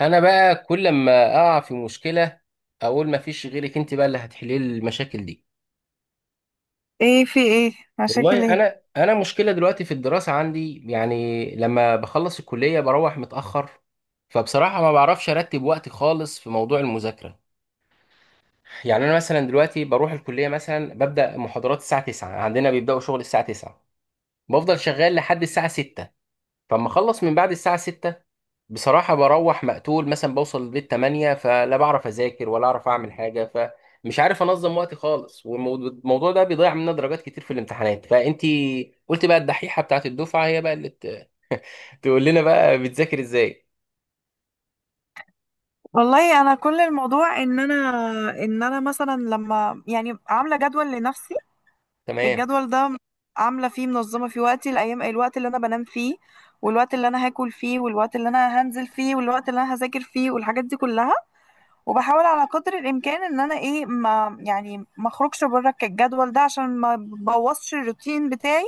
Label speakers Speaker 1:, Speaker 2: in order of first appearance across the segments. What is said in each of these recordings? Speaker 1: انا بقى كل ما اقع في مشكله، اقول ما فيش غيرك انت بقى اللي هتحلي لي المشاكل دي.
Speaker 2: ايه، في ايه؟ مشاكل
Speaker 1: والله
Speaker 2: ايه؟
Speaker 1: انا مشكله دلوقتي في الدراسه عندي، يعني لما بخلص الكليه بروح متاخر، فبصراحه ما بعرفش ارتب وقتي خالص في موضوع المذاكره. يعني انا مثلا دلوقتي بروح الكليه، مثلا ببدا محاضرات الساعه 9، عندنا بيبداوا شغل الساعه 9، بفضل شغال لحد الساعه 6، فاما اخلص من بعد الساعه 6 بصراحه بروح مقتول، مثلا بوصل البيت 8، فلا بعرف اذاكر ولا اعرف اعمل حاجه. فمش عارف انظم وقتي خالص، والموضوع ده بيضيع مننا درجات كتير في الامتحانات. فانتي قلت بقى الدحيحه بتاعت الدفعه هي بقى اللي تقول لنا بقى بتذاكر ازاي؟
Speaker 2: والله انا كل الموضوع ان انا مثلا لما يعني عامله جدول لنفسي.
Speaker 1: تمام.
Speaker 2: الجدول ده عامله فيه منظمه في وقتي الايام، الوقت اللي انا بنام فيه والوقت اللي انا هاكل فيه والوقت اللي انا هنزل فيه والوقت اللي انا هذاكر فيه والحاجات دي كلها. وبحاول على قدر الامكان ان انا ايه ما يعني ما اخرجش بره الجدول ده عشان ما بوظش الروتين بتاعي،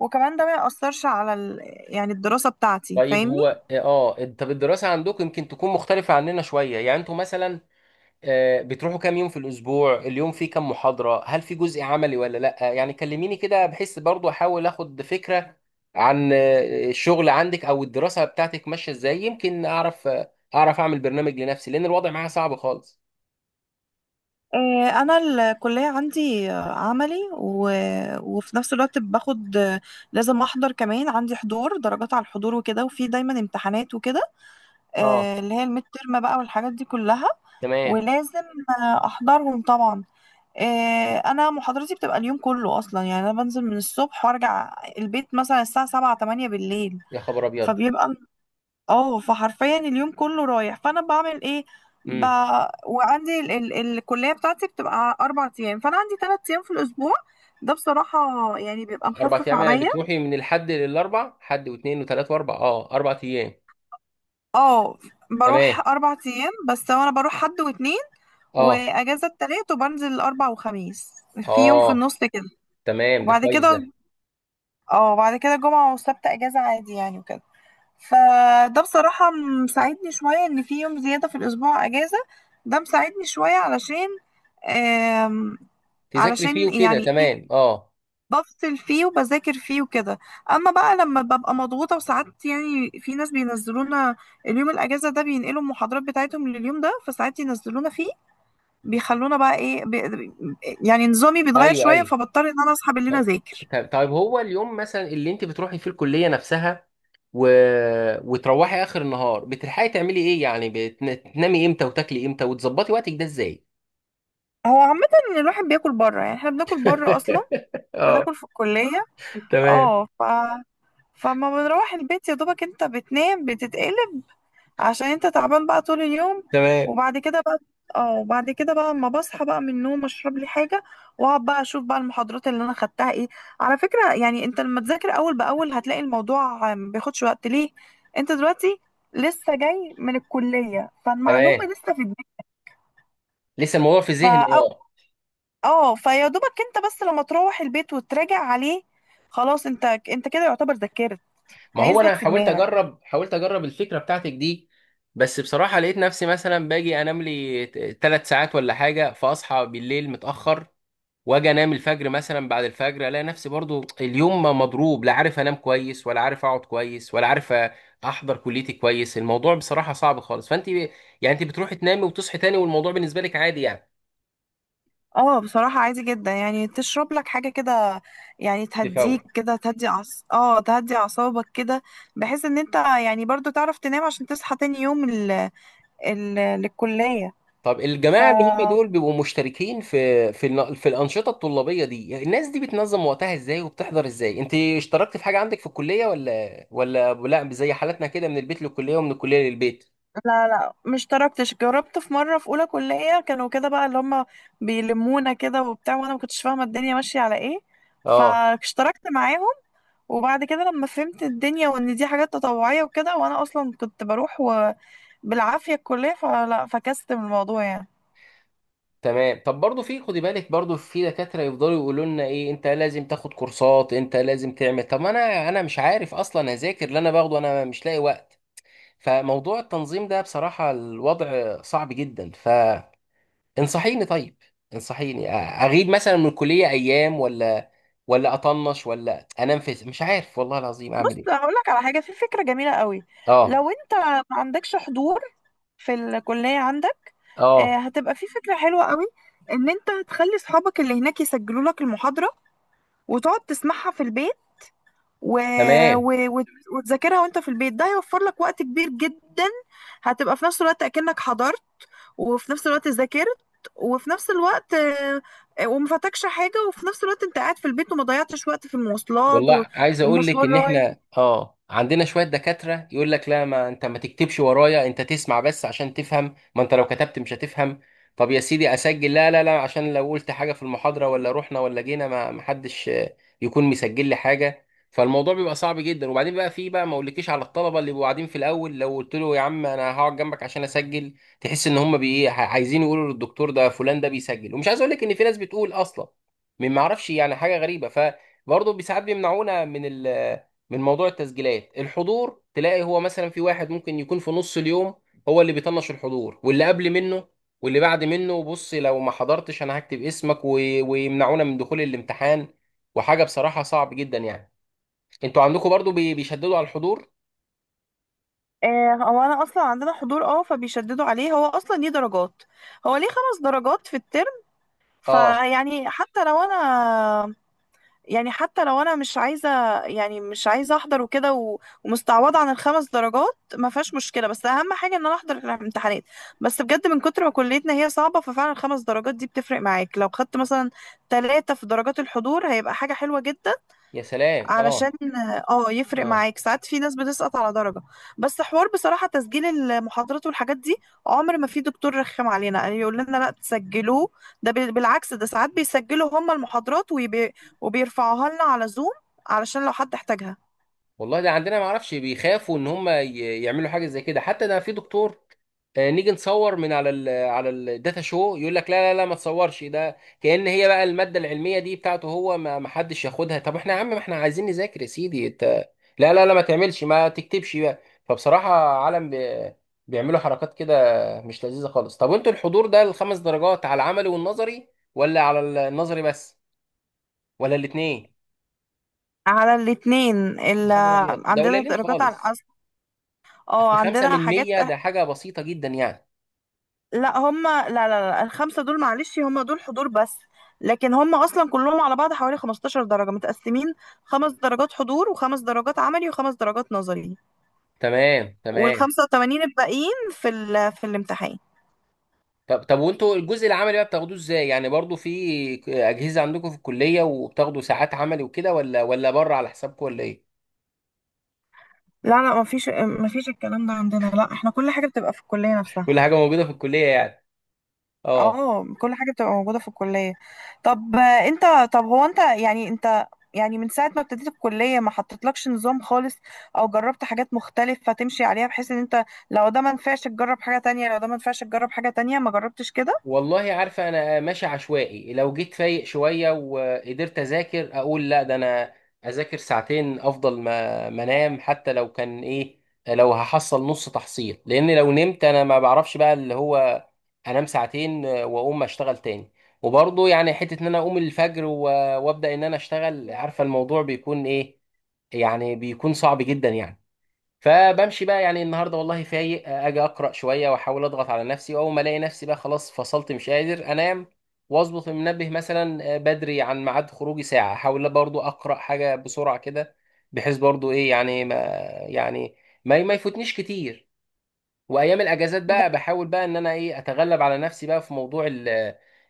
Speaker 2: وكمان ده ما يأثرش على يعني الدراسه بتاعتي،
Speaker 1: طيب
Speaker 2: فاهمني؟
Speaker 1: هو طب الدراسه عندكم يمكن تكون مختلفه عننا شويه، يعني انتوا مثلا بتروحوا كام يوم في الأسبوع؟ اليوم فيه كام محاضرة؟ هل في جزء عملي ولا لأ؟ يعني كلميني كده، بحيث برضو أحاول أخد فكرة عن الشغل عندك أو الدراسة بتاعتك ماشية إزاي، يمكن أعرف، أعرف أعمل برنامج لنفسي، لأن الوضع معايا صعب خالص.
Speaker 2: انا الكليه عندي عملي وفي نفس الوقت باخد، لازم احضر، كمان عندي حضور، درجات على الحضور وكده، وفي دايما امتحانات وكده،
Speaker 1: أه،
Speaker 2: اللي هي الميد ترم بقى والحاجات دي كلها.
Speaker 1: تمام.
Speaker 2: ولازم احضرهم طبعا. انا محاضرتي بتبقى اليوم كله اصلا. يعني انا بنزل من الصبح وارجع البيت مثلا الساعه 7 8 بالليل.
Speaker 1: يا خبر أبيض.
Speaker 2: فبيبقى اه، فحرفيا اليوم كله رايح. فانا بعمل ايه؟ ب...
Speaker 1: امم
Speaker 2: وعندي الكليه بتاعتي بتبقى اربع ايام، فانا عندي ثلاث ايام في الاسبوع. ده بصراحه يعني بيبقى
Speaker 1: أربع
Speaker 2: مخفف
Speaker 1: أيام يعني؟
Speaker 2: عليا.
Speaker 1: بتروحي من الحد للأربع؟ حد واثنين وثلاث وأربع، 4 أيام.
Speaker 2: اه،
Speaker 1: تمام،
Speaker 2: بروح اربع ايام، بس انا بروح حد واتنين
Speaker 1: أه.
Speaker 2: واجازه التلات وبنزل الاربع وخميس. في يوم في
Speaker 1: أه،
Speaker 2: النص كده.
Speaker 1: تمام، ده
Speaker 2: وبعد
Speaker 1: كويس
Speaker 2: كده
Speaker 1: ده.
Speaker 2: اه بعد كده جمعه وسبت اجازه عادي يعني وكده. فده بصراحة مساعدني شوية إن في يوم زيادة في الأسبوع أجازة. ده مساعدني شوية علشان آم،
Speaker 1: تذاكري فيه
Speaker 2: علشان
Speaker 1: وكده،
Speaker 2: يعني إيه،
Speaker 1: تمام، أه.
Speaker 2: بفصل فيه وبذاكر فيه وكده. أما بقى لما ببقى مضغوطة، وساعات يعني في ناس بينزلونا اليوم الأجازة ده، بينقلوا المحاضرات بتاعتهم لليوم ده، فساعات ينزلونا فيه، بيخلونا بقى إيه، بي يعني نظامي بيتغير
Speaker 1: أيوه،
Speaker 2: شوية،
Speaker 1: أيوه.
Speaker 2: فبضطر إن أنا أصحى بالليل
Speaker 1: طيب،
Speaker 2: أذاكر.
Speaker 1: طيب، طيب. هو اليوم مثلا اللي انت بتروحي فيه الكليه نفسها، و... وتروحي اخر النهار، بتلحقي تعملي ايه؟ يعني بتنامي امتى، وتاكلي امتى، وتظبطي وقتك ده ازاي؟
Speaker 2: هو عامة إن الواحد بياكل بره، يعني إحنا بناكل بره أصلا،
Speaker 1: اه،
Speaker 2: بناكل في الكلية.
Speaker 1: تمام.
Speaker 2: اه، فما بنروح البيت يا دوبك انت بتنام بتتقلب عشان انت تعبان بقى طول اليوم.
Speaker 1: تمام،
Speaker 2: وبعد كده بقى، اه وبعد كده بقى اما بصحى بقى من النوم اشرب لي حاجه واقعد بقى اشوف بقى المحاضرات اللي انا خدتها ايه. على فكره، يعني انت لما تذاكر اول باول هتلاقي الموضوع ما بياخدش وقت. ليه؟ انت دلوقتي لسه جاي من الكليه فالمعلومه
Speaker 1: تمام.
Speaker 2: لسه في دماغك.
Speaker 1: لسه الموضوع في ذهني،
Speaker 2: فا
Speaker 1: اه.
Speaker 2: اه، فيا دوبك انت بس لما تروح البيت وتراجع عليه، خلاص انت كده يعتبر ذاكرت،
Speaker 1: ما هو انا
Speaker 2: هيثبت في
Speaker 1: حاولت
Speaker 2: دماغك.
Speaker 1: اجرب حاولت اجرب الفكره بتاعتك دي، بس بصراحه لقيت نفسي مثلا باجي انام لي 3 ساعات ولا حاجه، فاصحى بالليل متاخر، واجي انام الفجر، مثلا بعد الفجر الاقي نفسي برضو اليوم ما مضروب، لا عارف انام كويس، ولا عارف اقعد كويس، ولا عارف احضر كليتي كويس. الموضوع بصراحة صعب خالص. يعني انت بتروحي تنامي وتصحي تاني، والموضوع بالنسبة لك عادي يعني؟
Speaker 2: اه بصراحة عادي جدا، يعني تشرب لك حاجة كده يعني
Speaker 1: تفوق.
Speaker 2: تهديك كده، تهدي عص... اه تهدي اعصابك كده، بحيث ان انت يعني برضو تعرف تنام عشان تصحى تاني يوم ال... للكلية.
Speaker 1: طب
Speaker 2: ف
Speaker 1: الجماعة اللي هم دول بيبقوا مشتركين في الأنشطة الطلابية دي، الناس دي بتنظم وقتها ازاي؟ وبتحضر ازاي؟ انت اشتركت في حاجة عندك في الكلية ولا، لا، زي حالتنا كده من البيت للكلية ومن الكلية للبيت؟
Speaker 2: لا لا، مش تركتش، جربت في مرة في اولى كلية كانوا كده بقى اللي هم بيلمونا كده وبتاع، وانا ما كنتش فاهمة الدنيا ماشية على ايه،
Speaker 1: اه،
Speaker 2: فاشتركت معاهم. وبعد كده لما فهمت الدنيا وان دي حاجات تطوعية وكده، وانا اصلا كنت بروح بالعافية الكلية، فلا فكست من الموضوع يعني.
Speaker 1: تمام. طب برضو، في خدي بالك، برضو في دكاترة يفضلوا يقولوا لنا ايه، انت لازم تاخد كورسات، انت لازم تعمل، طب ما انا مش عارف اصلا اذاكر اللي انا باخده، انا مش لاقي وقت. فموضوع التنظيم ده بصراحة الوضع صعب جدا. فانصحيني، طيب انصحيني، اغيب مثلا من الكلية ايام، ولا اطنش، ولا انام، في مش عارف، والله العظيم اعمل
Speaker 2: بص
Speaker 1: ايه.
Speaker 2: هقول لك على حاجة، في فكرة جميلة قوي.
Speaker 1: اه،
Speaker 2: لو انت ما عندكش حضور في الكلية عندك،
Speaker 1: اه،
Speaker 2: هتبقى في فكرة حلوة قوي. ان انت تخلي اصحابك اللي هناك يسجلوا لك المحاضرة وتقعد تسمعها في البيت، و...
Speaker 1: تمام.
Speaker 2: و... وت- وتذاكرها وانت في البيت. ده هيوفر لك وقت كبير جدا. هتبقى في نفس الوقت اكنك حضرت، وفي نفس الوقت ذاكرت، وفي نفس الوقت وما فاتكش حاجة، وفي نفس الوقت انت قاعد في البيت وما ضيعتش وقت في المواصلات
Speaker 1: والله عايز اقول لك
Speaker 2: والمشوار
Speaker 1: ان
Speaker 2: رايح.
Speaker 1: احنا عندنا شويه دكاتره يقول لك لا، ما انت ما تكتبش ورايا، انت تسمع بس عشان تفهم، ما انت لو كتبت مش هتفهم. طب يا سيدي اسجل. لا، لا، لا، عشان لو قلت حاجه في المحاضره ولا رحنا ولا جينا، ما حدش يكون مسجل لي حاجه. فالموضوع بيبقى صعب جدا. وبعدين بقى، في بقى، ما اقولكيش على الطلبه اللي بيبقوا قاعدين في الاول، لو قلت له يا عم انا هقعد جنبك عشان اسجل، تحس ان هم عايزين يقولوا للدكتور ده فلان ده بيسجل. ومش عايز اقول لك ان في ناس بتقول اصلا، من، ما اعرفش يعني، حاجه غريبه. برضه ساعات بيمنعونا من موضوع التسجيلات. الحضور تلاقي هو مثلا في واحد ممكن يكون في نص اليوم هو اللي بيطنش الحضور، واللي قبل منه واللي بعد منه، بص لو ما حضرتش انا هكتب اسمك ويمنعونا من دخول الامتحان. وحاجة بصراحة صعب جدا يعني. انتوا عندكم برضه بيشددوا على الحضور؟
Speaker 2: هو انا اصلا عندنا حضور، اه، فبيشددوا عليه. هو اصلا ليه درجات، هو ليه خمس درجات في الترم.
Speaker 1: اه،
Speaker 2: فيعني حتى لو انا، يعني حتى لو انا مش عايزه، يعني مش عايزه احضر وكده ومستعوضه عن الخمس درجات ما فيهاش مشكله، بس اهم حاجه ان انا احضر الامتحانات. بس بجد من كتر ما كليتنا هي صعبه، ففعلا الخمس درجات دي بتفرق معاك. لو خدت مثلا ثلاثه في درجات الحضور هيبقى حاجه حلوه جدا،
Speaker 1: يا سلام،
Speaker 2: علشان
Speaker 1: اه،
Speaker 2: اه يفرق
Speaker 1: اه.
Speaker 2: معاك، ساعات في ناس بتسقط على درجة. بس حوار بصراحة تسجيل المحاضرات والحاجات دي، عمر ما في دكتور رخم علينا يعني يقول لنا لا تسجلوه. ده بالعكس، ده ساعات بيسجلوا هم المحاضرات ويبي وبيرفعوها لنا على زوم علشان لو حد احتاجها.
Speaker 1: والله ده عندنا ما اعرفش، بيخافوا ان هم يعملوا حاجه زي كده. حتى ده في دكتور نيجي نصور من على ال على الداتا شو، يقول لك لا، لا، لا، ما تصورش، ده كأن هي بقى الماده العلميه دي بتاعته هو، ما حدش ياخدها. طب احنا يا عم ما احنا عايزين نذاكر، يا سيدي انت، لا، لا، لا، ما تعملش، ما تكتبش بقى. فبصراحه عالم بيعملوا حركات كده مش لذيذه خالص. طب وانتوا الحضور ده الخمس درجات على العملي والنظري، ولا على النظري بس، ولا الاثنين؟
Speaker 2: على الاتنين اللي
Speaker 1: خبر ابيض، ده
Speaker 2: عندنا
Speaker 1: قليلين
Speaker 2: درجات على
Speaker 1: خالص.
Speaker 2: الأس... اه
Speaker 1: اصل خمسة
Speaker 2: عندنا
Speaker 1: من
Speaker 2: حاجات.
Speaker 1: مية ده حاجة بسيطة جدا يعني.
Speaker 2: لا هم، لا لا لا الخمسة دول معلش هم دول حضور بس، لكن هم أصلا كلهم على بعض حوالي 15 درجة متقسمين، خمس درجات حضور وخمس درجات عملي وخمس درجات نظري.
Speaker 1: تمام، تمام.
Speaker 2: والخمسة وتمانين الباقيين في في الامتحان.
Speaker 1: طب، طب، وانتوا الجزء العملي بقى بتاخدوه ازاي؟ يعني برضو في اجهزة عندكم في الكلية وبتاخدوا ساعات عملي وكده، ولا بره على حسابكم، ولا ايه؟
Speaker 2: لا لا، مفيش الكلام ده عندنا، لا احنا كل حاجة بتبقى في الكلية نفسها.
Speaker 1: كل حاجة موجودة في الكلية يعني، اه.
Speaker 2: اه كل حاجة بتبقى موجودة في الكلية. طب انت، طب هو انت يعني انت، يعني من ساعة ما ابتديت الكلية ما حطيتلكش نظام خالص؟ او جربت حاجات مختلفة تمشي عليها، بحيث ان انت لو ده ما نفعش تجرب حاجة تانية، لو ده ما نفعش تجرب حاجة تانية؟ ما جربتش كده؟
Speaker 1: والله عارفة أنا ماشي عشوائي، لو جيت فايق شوية وقدرت أذاكر أقول لا، ده أنا أذاكر ساعتين أفضل ما أنام، حتى لو كان إيه، لو هحصل نص تحصيل، لأن لو نمت أنا ما بعرفش بقى اللي هو، أنام ساعتين وأقوم أشتغل تاني. وبرضه يعني حتة إن أنا أقوم الفجر وأبدأ إن أنا أشتغل، عارفة الموضوع بيكون إيه، يعني بيكون صعب جدا يعني. فبمشي بقى يعني، النهارده والله فايق، اجي اقرا شويه واحاول اضغط على نفسي، واول ما الاقي نفسي بقى خلاص فصلت مش قادر انام، واظبط المنبه مثلا بدري عن ميعاد خروجي ساعه، احاول برضو اقرا حاجه بسرعه كده، بحيث برضو ايه يعني، يعني ما يفوتنيش كتير. وايام الاجازات
Speaker 2: ده
Speaker 1: بقى بحاول بقى ان انا ايه اتغلب على نفسي بقى في موضوع ال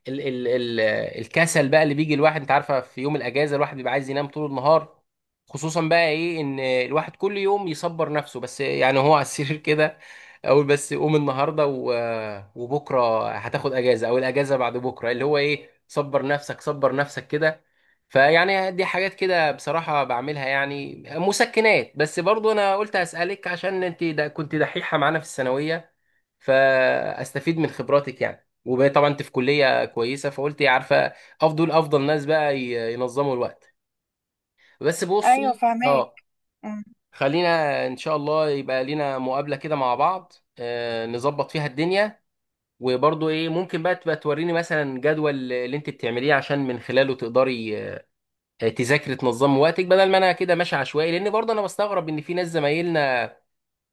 Speaker 1: ال ال ال الكسل بقى اللي بيجي الواحد. انت عارفه في يوم الاجازه الواحد بيبقى عايز ينام طول النهار. خصوصا بقى ايه ان الواحد كل يوم يصبر نفسه بس يعني، هو على السرير كده. اقول بس قوم النهارده وبكره هتاخد اجازه، او الاجازه بعد بكره، اللي هو ايه، صبر نفسك، صبر نفسك كده. فيعني دي حاجات كده بصراحة بعملها يعني مسكنات، بس برضو أنا قلت أسألك عشان أنت دا كنت دحيحة معانا في الثانوية، فأستفيد من خبراتك يعني. وطبعا أنت في كلية كويسة، فقلت يا عارفة، أفضل ناس بقى ينظموا الوقت. بس
Speaker 2: ايوه
Speaker 1: بصي،
Speaker 2: فهماك.
Speaker 1: أه.
Speaker 2: مم.
Speaker 1: خلينا إن شاء الله يبقى لينا مقابلة كده مع بعض، نظبط فيها الدنيا، وبرضو إيه ممكن بقى تبقى توريني مثلا جدول اللي أنت بتعمليه، عشان من خلاله تقدري تذاكري، تنظمي وقتك بدل ما انا كده ماشي عشوائي. لان برضه انا بستغرب ان في ناس زمايلنا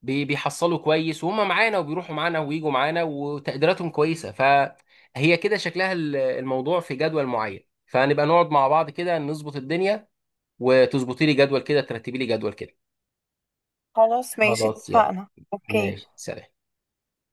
Speaker 1: بيحصلوا كويس وهم معانا، وبيروحوا معانا ويجوا معانا وتقديراتهم كويسه، فهي كده شكلها الموضوع في جدول معين. فنبقى نقعد مع بعض كده نظبط الدنيا، وتظبطي لي جدول كده، ترتبي لي جدول كده.
Speaker 2: خلاص ماشي،
Speaker 1: خلاص يلا،
Speaker 2: اتفقنا، اوكي.
Speaker 1: ماشي، سلام.